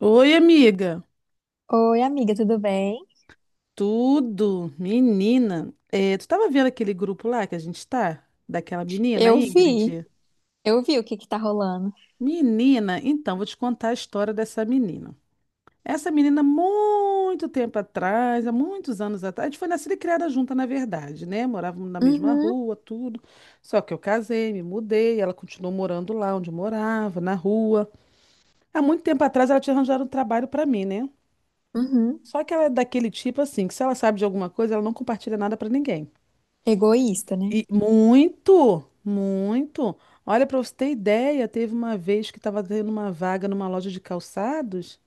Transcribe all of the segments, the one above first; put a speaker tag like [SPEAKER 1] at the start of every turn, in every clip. [SPEAKER 1] Oi, amiga.
[SPEAKER 2] Oi, amiga, tudo bem?
[SPEAKER 1] Tudo, menina. Tu tava vendo aquele grupo lá que a gente tá? Daquela menina,
[SPEAKER 2] Eu vi,
[SPEAKER 1] Ingrid?
[SPEAKER 2] eu vi o que que tá rolando.
[SPEAKER 1] Menina, então, vou te contar a história dessa menina. Essa menina, muito tempo atrás, há muitos anos atrás, a gente foi nascida e criada junta, na verdade, né? Morávamos na mesma
[SPEAKER 2] Uhum,
[SPEAKER 1] rua, tudo. Só que eu casei, me mudei, ela continuou morando lá onde eu morava, na rua. Há muito tempo atrás, ela tinha arranjado um trabalho pra mim, né?
[SPEAKER 2] uhum.
[SPEAKER 1] Só que ela é daquele tipo assim, que se ela sabe de alguma coisa, ela não compartilha nada pra ninguém.
[SPEAKER 2] Egoísta, né?
[SPEAKER 1] E muito, muito. Olha, para você ter ideia, teve uma vez que estava tendo uma vaga numa loja de calçados.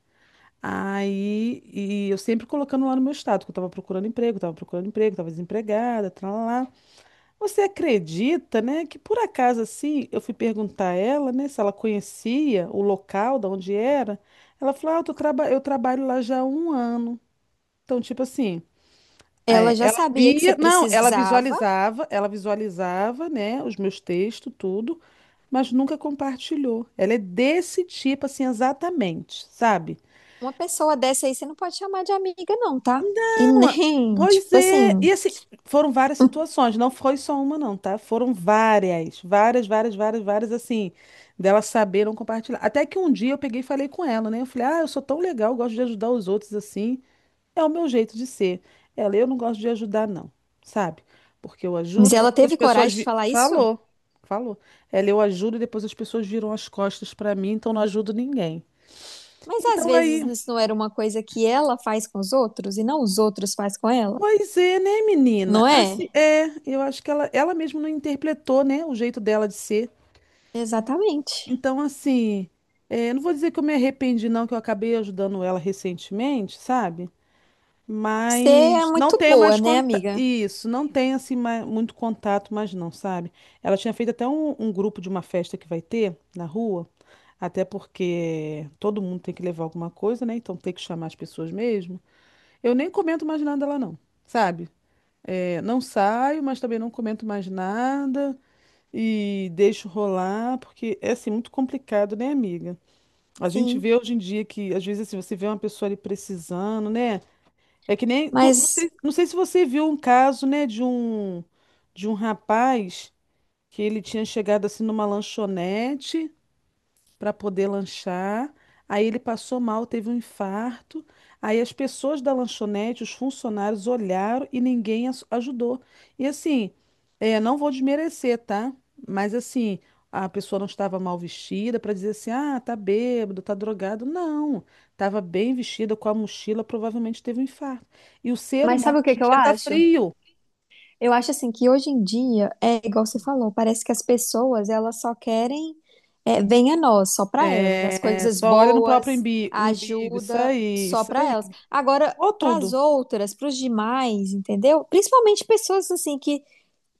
[SPEAKER 1] Aí, e eu sempre colocando lá no meu status, que eu estava procurando emprego, estava procurando emprego, estava desempregada, lá. Você acredita, né, que por acaso assim, eu fui perguntar a ela, né, se ela conhecia o local da onde era. Ela falou: "Ah, eu tô eu trabalho lá já há um ano". Então, tipo assim,
[SPEAKER 2] Ela já
[SPEAKER 1] ela
[SPEAKER 2] sabia que você
[SPEAKER 1] via, não,
[SPEAKER 2] precisava.
[SPEAKER 1] ela visualizava, né, os meus textos, tudo, mas nunca compartilhou. Ela é desse tipo, assim, exatamente, sabe?
[SPEAKER 2] Uma pessoa dessa aí você não pode chamar de amiga, não, tá? E
[SPEAKER 1] Não,
[SPEAKER 2] nem, tipo
[SPEAKER 1] pois é.
[SPEAKER 2] assim.
[SPEAKER 1] E assim, foram várias situações, não foi só uma, não, tá? Foram várias, várias, várias, várias, várias, assim, dela saber não compartilhar. Até que um dia eu peguei e falei com ela, né? Eu falei, ah, eu sou tão legal, gosto de ajudar os outros, assim. É o meu jeito de ser. Ela, eu não gosto de ajudar, não, sabe? Porque eu
[SPEAKER 2] Mas
[SPEAKER 1] ajudo e
[SPEAKER 2] ela
[SPEAKER 1] depois as
[SPEAKER 2] teve coragem de falar isso?
[SPEAKER 1] Falou, falou. Ela, eu ajudo e depois as pessoas viram as costas pra mim, então não ajudo ninguém.
[SPEAKER 2] Mas às
[SPEAKER 1] Então
[SPEAKER 2] vezes
[SPEAKER 1] aí,
[SPEAKER 2] isso não era uma coisa que ela faz com os outros e não os outros faz com ela,
[SPEAKER 1] pois é, né, menina?
[SPEAKER 2] não
[SPEAKER 1] Assim,
[SPEAKER 2] é?
[SPEAKER 1] eu acho que ela mesma não interpretou, né, o jeito dela de ser.
[SPEAKER 2] Exatamente.
[SPEAKER 1] Então, assim, não vou dizer que eu me arrependi, não, que eu acabei ajudando ela recentemente, sabe?
[SPEAKER 2] Você é
[SPEAKER 1] Mas não
[SPEAKER 2] muito
[SPEAKER 1] tenho
[SPEAKER 2] boa,
[SPEAKER 1] mais
[SPEAKER 2] né,
[SPEAKER 1] contato.
[SPEAKER 2] amiga?
[SPEAKER 1] Isso, não tenho assim muito contato, mas não, sabe? Ela tinha feito até um grupo de uma festa que vai ter na rua, até porque todo mundo tem que levar alguma coisa, né? Então tem que chamar as pessoas mesmo. Eu nem comento mais nada lá, não, sabe? É, não saio, mas também não comento mais nada e deixo rolar, porque é assim muito complicado, né, amiga? A gente vê
[SPEAKER 2] Sim.
[SPEAKER 1] hoje em dia que, às vezes, assim, você vê uma pessoa ali precisando, né? É que nem. Tu- não
[SPEAKER 2] Mas,
[SPEAKER 1] sei, não sei se você viu um caso, né, de de um rapaz que ele tinha chegado assim numa lanchonete para poder lanchar. Aí ele passou mal, teve um infarto. Aí as pessoas da lanchonete, os funcionários olharam e ninguém ajudou. E assim, não vou desmerecer, tá? Mas assim, a pessoa não estava mal vestida para dizer assim, ah, tá bêbado, tá drogado. Não, estava bem vestida com a mochila, provavelmente teve um infarto. E o ser
[SPEAKER 2] mas
[SPEAKER 1] humano
[SPEAKER 2] sabe o que
[SPEAKER 1] hoje em
[SPEAKER 2] que eu
[SPEAKER 1] dia tá
[SPEAKER 2] acho?
[SPEAKER 1] frio.
[SPEAKER 2] Eu acho assim que hoje em dia é igual você falou, parece que as pessoas elas só querem é, vem a nós, só para elas, as
[SPEAKER 1] É,
[SPEAKER 2] coisas
[SPEAKER 1] só olha no próprio
[SPEAKER 2] boas, a
[SPEAKER 1] umbigo, isso
[SPEAKER 2] ajuda
[SPEAKER 1] aí,
[SPEAKER 2] só
[SPEAKER 1] isso
[SPEAKER 2] para
[SPEAKER 1] aí.
[SPEAKER 2] elas. Agora
[SPEAKER 1] Ou
[SPEAKER 2] para as
[SPEAKER 1] tudo.
[SPEAKER 2] outras, para os demais, entendeu? Principalmente pessoas assim que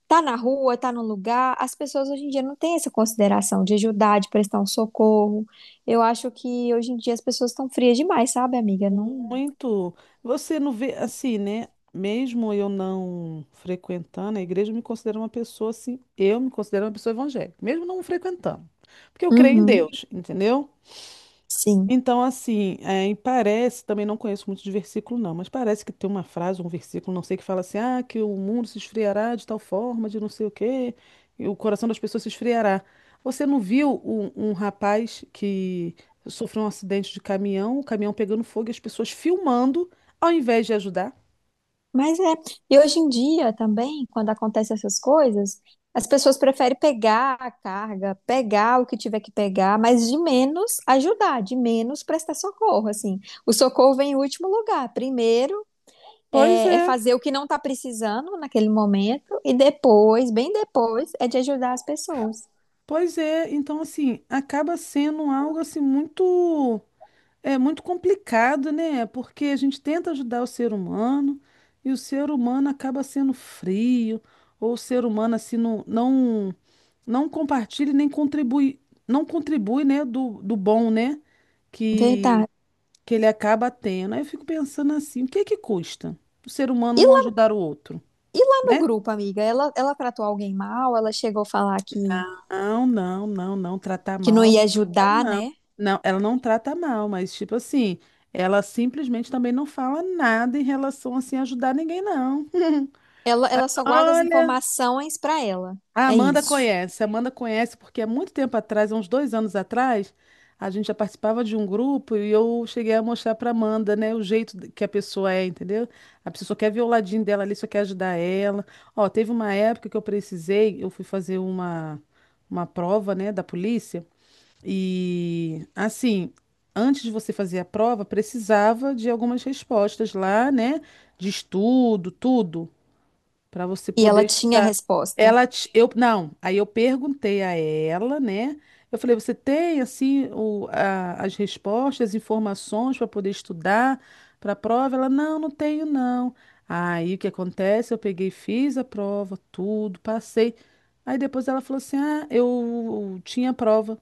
[SPEAKER 2] tá na rua, tá no lugar, as pessoas hoje em dia não têm essa consideração de ajudar, de prestar um socorro. Eu acho que hoje em dia as pessoas estão frias demais, sabe, amiga? Não.
[SPEAKER 1] Muito. Você não vê, assim, né? Mesmo eu não frequentando a igreja, eu me considero uma pessoa assim. Eu me considero uma pessoa evangélica, mesmo não frequentando. Porque eu creio em
[SPEAKER 2] Uhum,
[SPEAKER 1] Deus, entendeu?
[SPEAKER 2] sim.
[SPEAKER 1] Então, assim, e parece, também não conheço muito de versículo, não, mas parece que tem uma frase, um versículo, não sei, que fala assim, ah, que o mundo se esfriará de tal forma, de não sei o quê, e o coração das pessoas se esfriará. Você não viu um rapaz que sofreu um acidente de caminhão, o caminhão pegando fogo e as pessoas filmando, ao invés de ajudar?
[SPEAKER 2] Mas é. E hoje em dia também, quando acontecem essas coisas, as pessoas preferem pegar a carga, pegar o que tiver que pegar, mas de menos ajudar, de menos prestar socorro, assim. O socorro vem em último lugar. Primeiro
[SPEAKER 1] Pois
[SPEAKER 2] é, é
[SPEAKER 1] é,
[SPEAKER 2] fazer o que não está precisando naquele momento e depois, bem depois, é de ajudar as pessoas.
[SPEAKER 1] pois é. Então, assim, acaba sendo algo assim muito. É muito complicado, né? Porque a gente tenta ajudar o ser humano e o ser humano acaba sendo frio, ou o ser humano assim não compartilha e nem contribui, não contribui, né, do bom, né, que,
[SPEAKER 2] Verdade.
[SPEAKER 1] que ele acaba tendo. Aí eu fico pensando assim, o que é que custa o ser humano
[SPEAKER 2] E
[SPEAKER 1] um
[SPEAKER 2] lá,
[SPEAKER 1] ajudar o outro,
[SPEAKER 2] e lá no
[SPEAKER 1] né?
[SPEAKER 2] grupo, amiga, ela tratou alguém mal? Ela chegou a falar
[SPEAKER 1] Não, não, não, não. Tratar
[SPEAKER 2] que
[SPEAKER 1] mal,
[SPEAKER 2] não
[SPEAKER 1] ela
[SPEAKER 2] ia
[SPEAKER 1] não trata,
[SPEAKER 2] ajudar,
[SPEAKER 1] não.
[SPEAKER 2] né?
[SPEAKER 1] Não, ela não trata mal, mas, tipo assim, ela simplesmente também não fala nada em relação, assim, a ajudar ninguém, não.
[SPEAKER 2] Ela só guarda as
[SPEAKER 1] Olha,
[SPEAKER 2] informações pra ela. É isso.
[SPEAKER 1] A Amanda conhece porque há muito tempo atrás, há uns dois anos atrás, a gente já participava de um grupo e eu cheguei a mostrar para Amanda, né, o que a pessoa é, entendeu? A pessoa só quer ver o ladinho dela ali, só quer ajudar ela. Ó, teve uma época que eu precisei, eu fui fazer uma prova, né, da polícia. E assim, antes de você fazer a prova, precisava de algumas respostas lá, né? De estudo, tudo, para você
[SPEAKER 2] E ela
[SPEAKER 1] poder
[SPEAKER 2] tinha a
[SPEAKER 1] estudar.
[SPEAKER 2] resposta.
[SPEAKER 1] Não, aí eu perguntei a ela, né? Eu falei, você tem assim as respostas, as informações para poder estudar para a prova? Ela, não, não tenho, não. Aí o que acontece? Eu peguei, fiz a prova, tudo, passei. Aí depois ela falou assim: ah, eu tinha prova.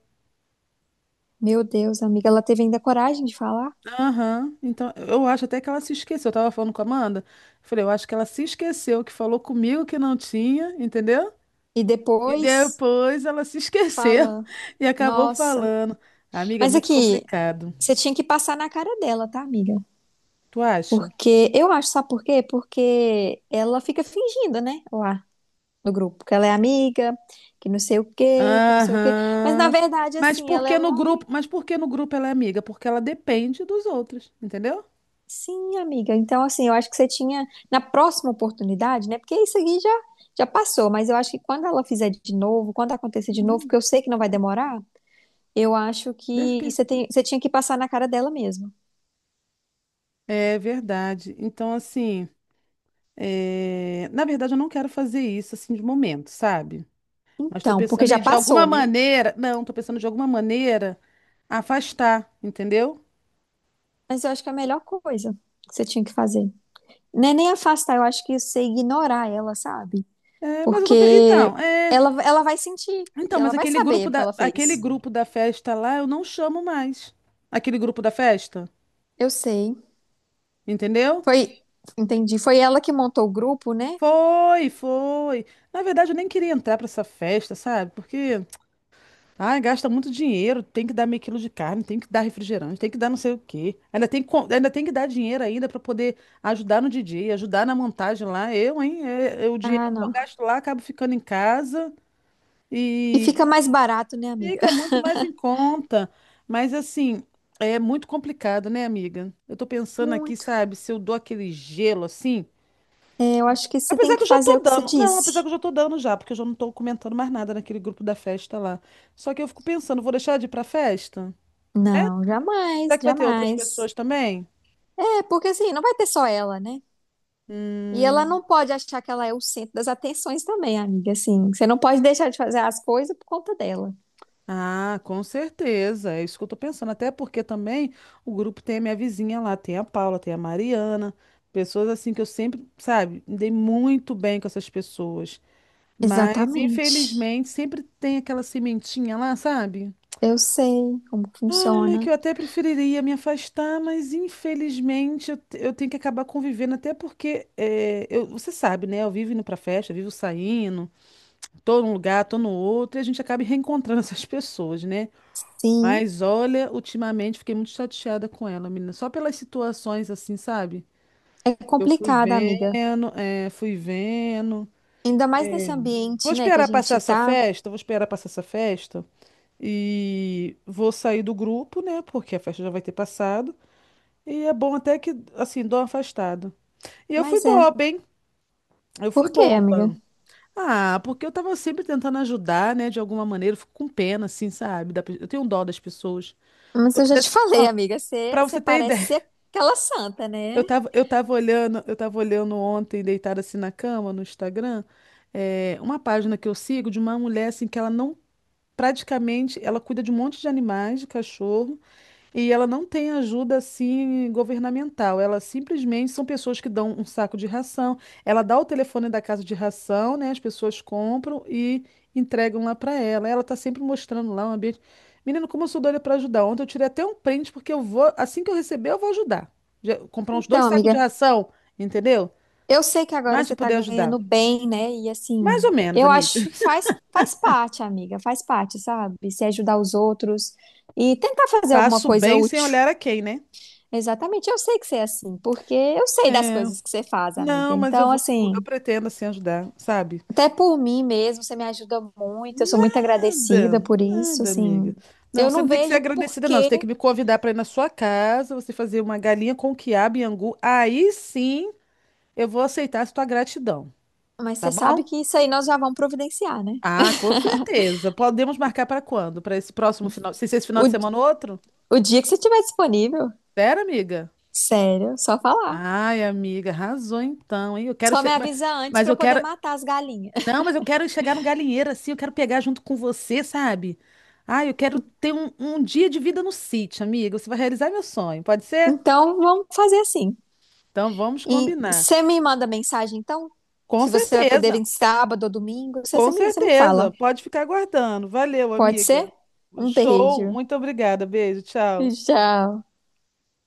[SPEAKER 2] Meu Deus, amiga, ela teve ainda coragem de falar.
[SPEAKER 1] Aham. Então, eu acho até que ela se esqueceu. Eu tava falando com a Amanda. Eu falei, eu acho que ela se esqueceu que falou comigo que não tinha, entendeu?
[SPEAKER 2] E
[SPEAKER 1] E
[SPEAKER 2] depois
[SPEAKER 1] depois ela se esqueceu
[SPEAKER 2] fala,
[SPEAKER 1] e acabou
[SPEAKER 2] nossa.
[SPEAKER 1] falando. Amiga, é
[SPEAKER 2] Mas
[SPEAKER 1] muito
[SPEAKER 2] aqui,
[SPEAKER 1] complicado.
[SPEAKER 2] você tinha que passar na cara dela, tá, amiga?
[SPEAKER 1] Tu acha?
[SPEAKER 2] Porque eu acho, sabe por quê? Porque ela fica fingindo, né, lá no grupo, que ela é amiga, que não sei o quê, que não sei o quê. Mas na
[SPEAKER 1] Aham.
[SPEAKER 2] verdade,
[SPEAKER 1] Mas
[SPEAKER 2] assim,
[SPEAKER 1] por
[SPEAKER 2] ela é
[SPEAKER 1] que no
[SPEAKER 2] uma
[SPEAKER 1] grupo? Mas por que no grupo ela é amiga? Porque ela depende dos outros, entendeu?
[SPEAKER 2] Sim, amiga. Então, assim, eu acho que você tinha, na próxima oportunidade, né? Porque isso aqui já, já passou, mas eu acho que quando ela fizer de novo, quando acontecer de novo, que
[SPEAKER 1] Hum.
[SPEAKER 2] eu sei que não vai demorar, eu acho
[SPEAKER 1] Deixa
[SPEAKER 2] que
[SPEAKER 1] que.
[SPEAKER 2] você tem, você tinha que passar na cara dela mesmo.
[SPEAKER 1] É verdade. Então, assim, na verdade, eu não quero fazer isso assim de momento, sabe? Mas estou
[SPEAKER 2] Então, porque
[SPEAKER 1] pensando
[SPEAKER 2] já
[SPEAKER 1] em, de
[SPEAKER 2] passou,
[SPEAKER 1] alguma
[SPEAKER 2] né?
[SPEAKER 1] maneira. Não, estou pensando de alguma maneira afastar, entendeu?
[SPEAKER 2] Mas eu acho que é a melhor coisa que você tinha que fazer. Não é nem afastar, eu acho que você ignorar ela, sabe?
[SPEAKER 1] É, mas eu tô, pe-
[SPEAKER 2] Porque
[SPEAKER 1] então, é,
[SPEAKER 2] ela vai sentir,
[SPEAKER 1] então,
[SPEAKER 2] que
[SPEAKER 1] mas
[SPEAKER 2] ela vai
[SPEAKER 1] aquele
[SPEAKER 2] saber o que ela
[SPEAKER 1] aquele
[SPEAKER 2] fez.
[SPEAKER 1] grupo da festa lá, eu não chamo mais. Aquele grupo da festa,
[SPEAKER 2] Eu sei.
[SPEAKER 1] entendeu?
[SPEAKER 2] Foi, entendi. Foi ela que montou o grupo, né?
[SPEAKER 1] Foi, foi. Na verdade, eu nem queria entrar para essa festa, sabe? Porque ah, gasta muito dinheiro, tem que dar meio quilo de carne, tem que dar refrigerante, tem que dar não sei o quê. Ainda tem ainda tem que dar dinheiro ainda para poder ajudar no DJ, ajudar na montagem lá. Eu, hein? É o dinheiro
[SPEAKER 2] Ah,
[SPEAKER 1] que eu
[SPEAKER 2] não.
[SPEAKER 1] gasto lá, acabo ficando em casa
[SPEAKER 2] E
[SPEAKER 1] e
[SPEAKER 2] fica mais barato, né, amiga?
[SPEAKER 1] fica muito mais em conta. Mas assim, é muito complicado, né, amiga? Eu tô pensando aqui,
[SPEAKER 2] Muito.
[SPEAKER 1] sabe, se eu dou aquele gelo assim.
[SPEAKER 2] É, eu acho que você tem
[SPEAKER 1] Apesar que
[SPEAKER 2] que
[SPEAKER 1] eu já
[SPEAKER 2] fazer
[SPEAKER 1] tô
[SPEAKER 2] o que você
[SPEAKER 1] dando. Não, apesar
[SPEAKER 2] disse.
[SPEAKER 1] que eu já tô dando já, porque eu já não tô comentando mais nada naquele grupo da festa lá. Só que eu fico pensando, vou deixar de ir pra festa?
[SPEAKER 2] Não,
[SPEAKER 1] Será
[SPEAKER 2] jamais,
[SPEAKER 1] que vai ter outras
[SPEAKER 2] jamais.
[SPEAKER 1] pessoas também?
[SPEAKER 2] É, porque assim, não vai ter só ela, né? E ela
[SPEAKER 1] Hum,
[SPEAKER 2] não pode achar que ela é o centro das atenções também, amiga. Assim, você não pode deixar de fazer as coisas por conta dela.
[SPEAKER 1] ah, com certeza. É isso que eu tô pensando. Até porque também o grupo tem a minha vizinha lá, tem a Paula, tem a Mariana, pessoas assim que eu sempre, sabe, me dei muito bem com essas pessoas. Mas,
[SPEAKER 2] Exatamente.
[SPEAKER 1] infelizmente, sempre tem aquela sementinha lá, sabe?
[SPEAKER 2] Eu sei como
[SPEAKER 1] Ai, que
[SPEAKER 2] funciona.
[SPEAKER 1] eu até preferiria me afastar, mas infelizmente eu tenho que acabar convivendo, até porque você sabe, né? Eu vivo indo pra festa, eu vivo saindo. Tô num lugar, tô no outro, e a gente acaba reencontrando essas pessoas, né?
[SPEAKER 2] Sim,
[SPEAKER 1] Mas olha, ultimamente fiquei muito chateada com ela, menina, só pelas situações assim, sabe?
[SPEAKER 2] é
[SPEAKER 1] Eu fui
[SPEAKER 2] complicado, amiga.
[SPEAKER 1] vendo, fui vendo.
[SPEAKER 2] Ainda mais nesse
[SPEAKER 1] Vou
[SPEAKER 2] ambiente, né, que a
[SPEAKER 1] esperar passar
[SPEAKER 2] gente
[SPEAKER 1] essa
[SPEAKER 2] tá.
[SPEAKER 1] festa, vou esperar passar essa festa e vou sair do grupo, né? Porque a festa já vai ter passado. E é bom até que, assim, dou uma afastada. E eu fui
[SPEAKER 2] Mas é.
[SPEAKER 1] boba, hein? Eu fui
[SPEAKER 2] Por quê, amiga?
[SPEAKER 1] boba. Ah, porque eu tava sempre tentando ajudar, né, de alguma maneira, eu fico com pena, assim, sabe? Eu tenho dó das pessoas.
[SPEAKER 2] Mas
[SPEAKER 1] Eu
[SPEAKER 2] eu já
[SPEAKER 1] pudesse...
[SPEAKER 2] te falei,
[SPEAKER 1] Ó,
[SPEAKER 2] amiga, você,
[SPEAKER 1] pra
[SPEAKER 2] você
[SPEAKER 1] você ter
[SPEAKER 2] parece
[SPEAKER 1] ideia,
[SPEAKER 2] ser aquela santa, né?
[SPEAKER 1] eu tava olhando ontem, deitada assim na cama, no Instagram, uma página que eu sigo de uma mulher, assim, que ela não, praticamente, ela cuida de um monte de animais, de cachorro, e ela não tem ajuda assim governamental. Ela simplesmente são pessoas que dão um saco de ração. Ela dá o telefone da casa de ração, né? As pessoas compram e entregam lá para ela. Ela tá sempre mostrando lá um ambiente. Menino, como eu sou doida para ajudar. Ontem eu tirei até um print porque eu vou, assim que eu receber, eu vou ajudar. Comprar uns dois
[SPEAKER 2] Então,
[SPEAKER 1] sacos de
[SPEAKER 2] amiga,
[SPEAKER 1] ração, entendeu?
[SPEAKER 2] eu sei que agora
[SPEAKER 1] Mas para
[SPEAKER 2] você tá
[SPEAKER 1] poder ajudar.
[SPEAKER 2] ganhando bem, né? E
[SPEAKER 1] Mais ou
[SPEAKER 2] assim,
[SPEAKER 1] menos,
[SPEAKER 2] eu
[SPEAKER 1] amiga.
[SPEAKER 2] acho que faz parte, amiga, faz parte, sabe? Se ajudar os outros e tentar fazer alguma
[SPEAKER 1] Faço
[SPEAKER 2] coisa
[SPEAKER 1] bem sem
[SPEAKER 2] útil.
[SPEAKER 1] olhar a quem, né?
[SPEAKER 2] Exatamente, eu sei que você é assim, porque eu sei das coisas que você faz, amiga.
[SPEAKER 1] Não, mas eu
[SPEAKER 2] Então,
[SPEAKER 1] vou, eu
[SPEAKER 2] assim,
[SPEAKER 1] pretendo assim ajudar, sabe?
[SPEAKER 2] até por mim mesmo, você me ajuda muito, eu sou muito agradecida
[SPEAKER 1] Nada,
[SPEAKER 2] por isso,
[SPEAKER 1] nada,
[SPEAKER 2] assim.
[SPEAKER 1] amiga. Não,
[SPEAKER 2] Eu
[SPEAKER 1] você
[SPEAKER 2] não
[SPEAKER 1] não tem que ser
[SPEAKER 2] vejo por
[SPEAKER 1] agradecida, não. Você
[SPEAKER 2] quê,
[SPEAKER 1] tem que me convidar para ir na sua casa, você fazer uma galinha com quiabo e angu. Aí sim eu vou aceitar a sua gratidão,
[SPEAKER 2] mas
[SPEAKER 1] tá
[SPEAKER 2] você sabe
[SPEAKER 1] bom?
[SPEAKER 2] que isso aí nós já vamos providenciar, né?
[SPEAKER 1] Ah, com certeza. Podemos marcar para quando? Para esse próximo final? Se esse final
[SPEAKER 2] O,
[SPEAKER 1] de semana ou outro?
[SPEAKER 2] o dia que você estiver disponível,
[SPEAKER 1] Sério, amiga?
[SPEAKER 2] sério, só falar.
[SPEAKER 1] Ai, amiga, arrasou então, hein? Eu quero.
[SPEAKER 2] Só me avisa antes
[SPEAKER 1] Mas
[SPEAKER 2] para eu
[SPEAKER 1] eu
[SPEAKER 2] poder
[SPEAKER 1] quero.
[SPEAKER 2] matar as galinhas.
[SPEAKER 1] Não, mas eu quero chegar no galinheiro assim, eu quero pegar junto com você, sabe? Ai, eu quero ter um dia de vida no sítio, amiga. Você vai realizar meu sonho, pode ser?
[SPEAKER 2] Então, vamos fazer assim.
[SPEAKER 1] Então vamos
[SPEAKER 2] E
[SPEAKER 1] combinar.
[SPEAKER 2] você me manda mensagem, então?
[SPEAKER 1] Com
[SPEAKER 2] Se você vai poder
[SPEAKER 1] certeza,
[SPEAKER 2] vir sábado ou domingo, você,
[SPEAKER 1] com
[SPEAKER 2] você me, você me fala.
[SPEAKER 1] certeza. Pode ficar aguardando. Valeu,
[SPEAKER 2] Pode ser?
[SPEAKER 1] amiga.
[SPEAKER 2] Um
[SPEAKER 1] Show.
[SPEAKER 2] beijo.
[SPEAKER 1] Muito obrigada. Beijo. Tchau.
[SPEAKER 2] Tchau.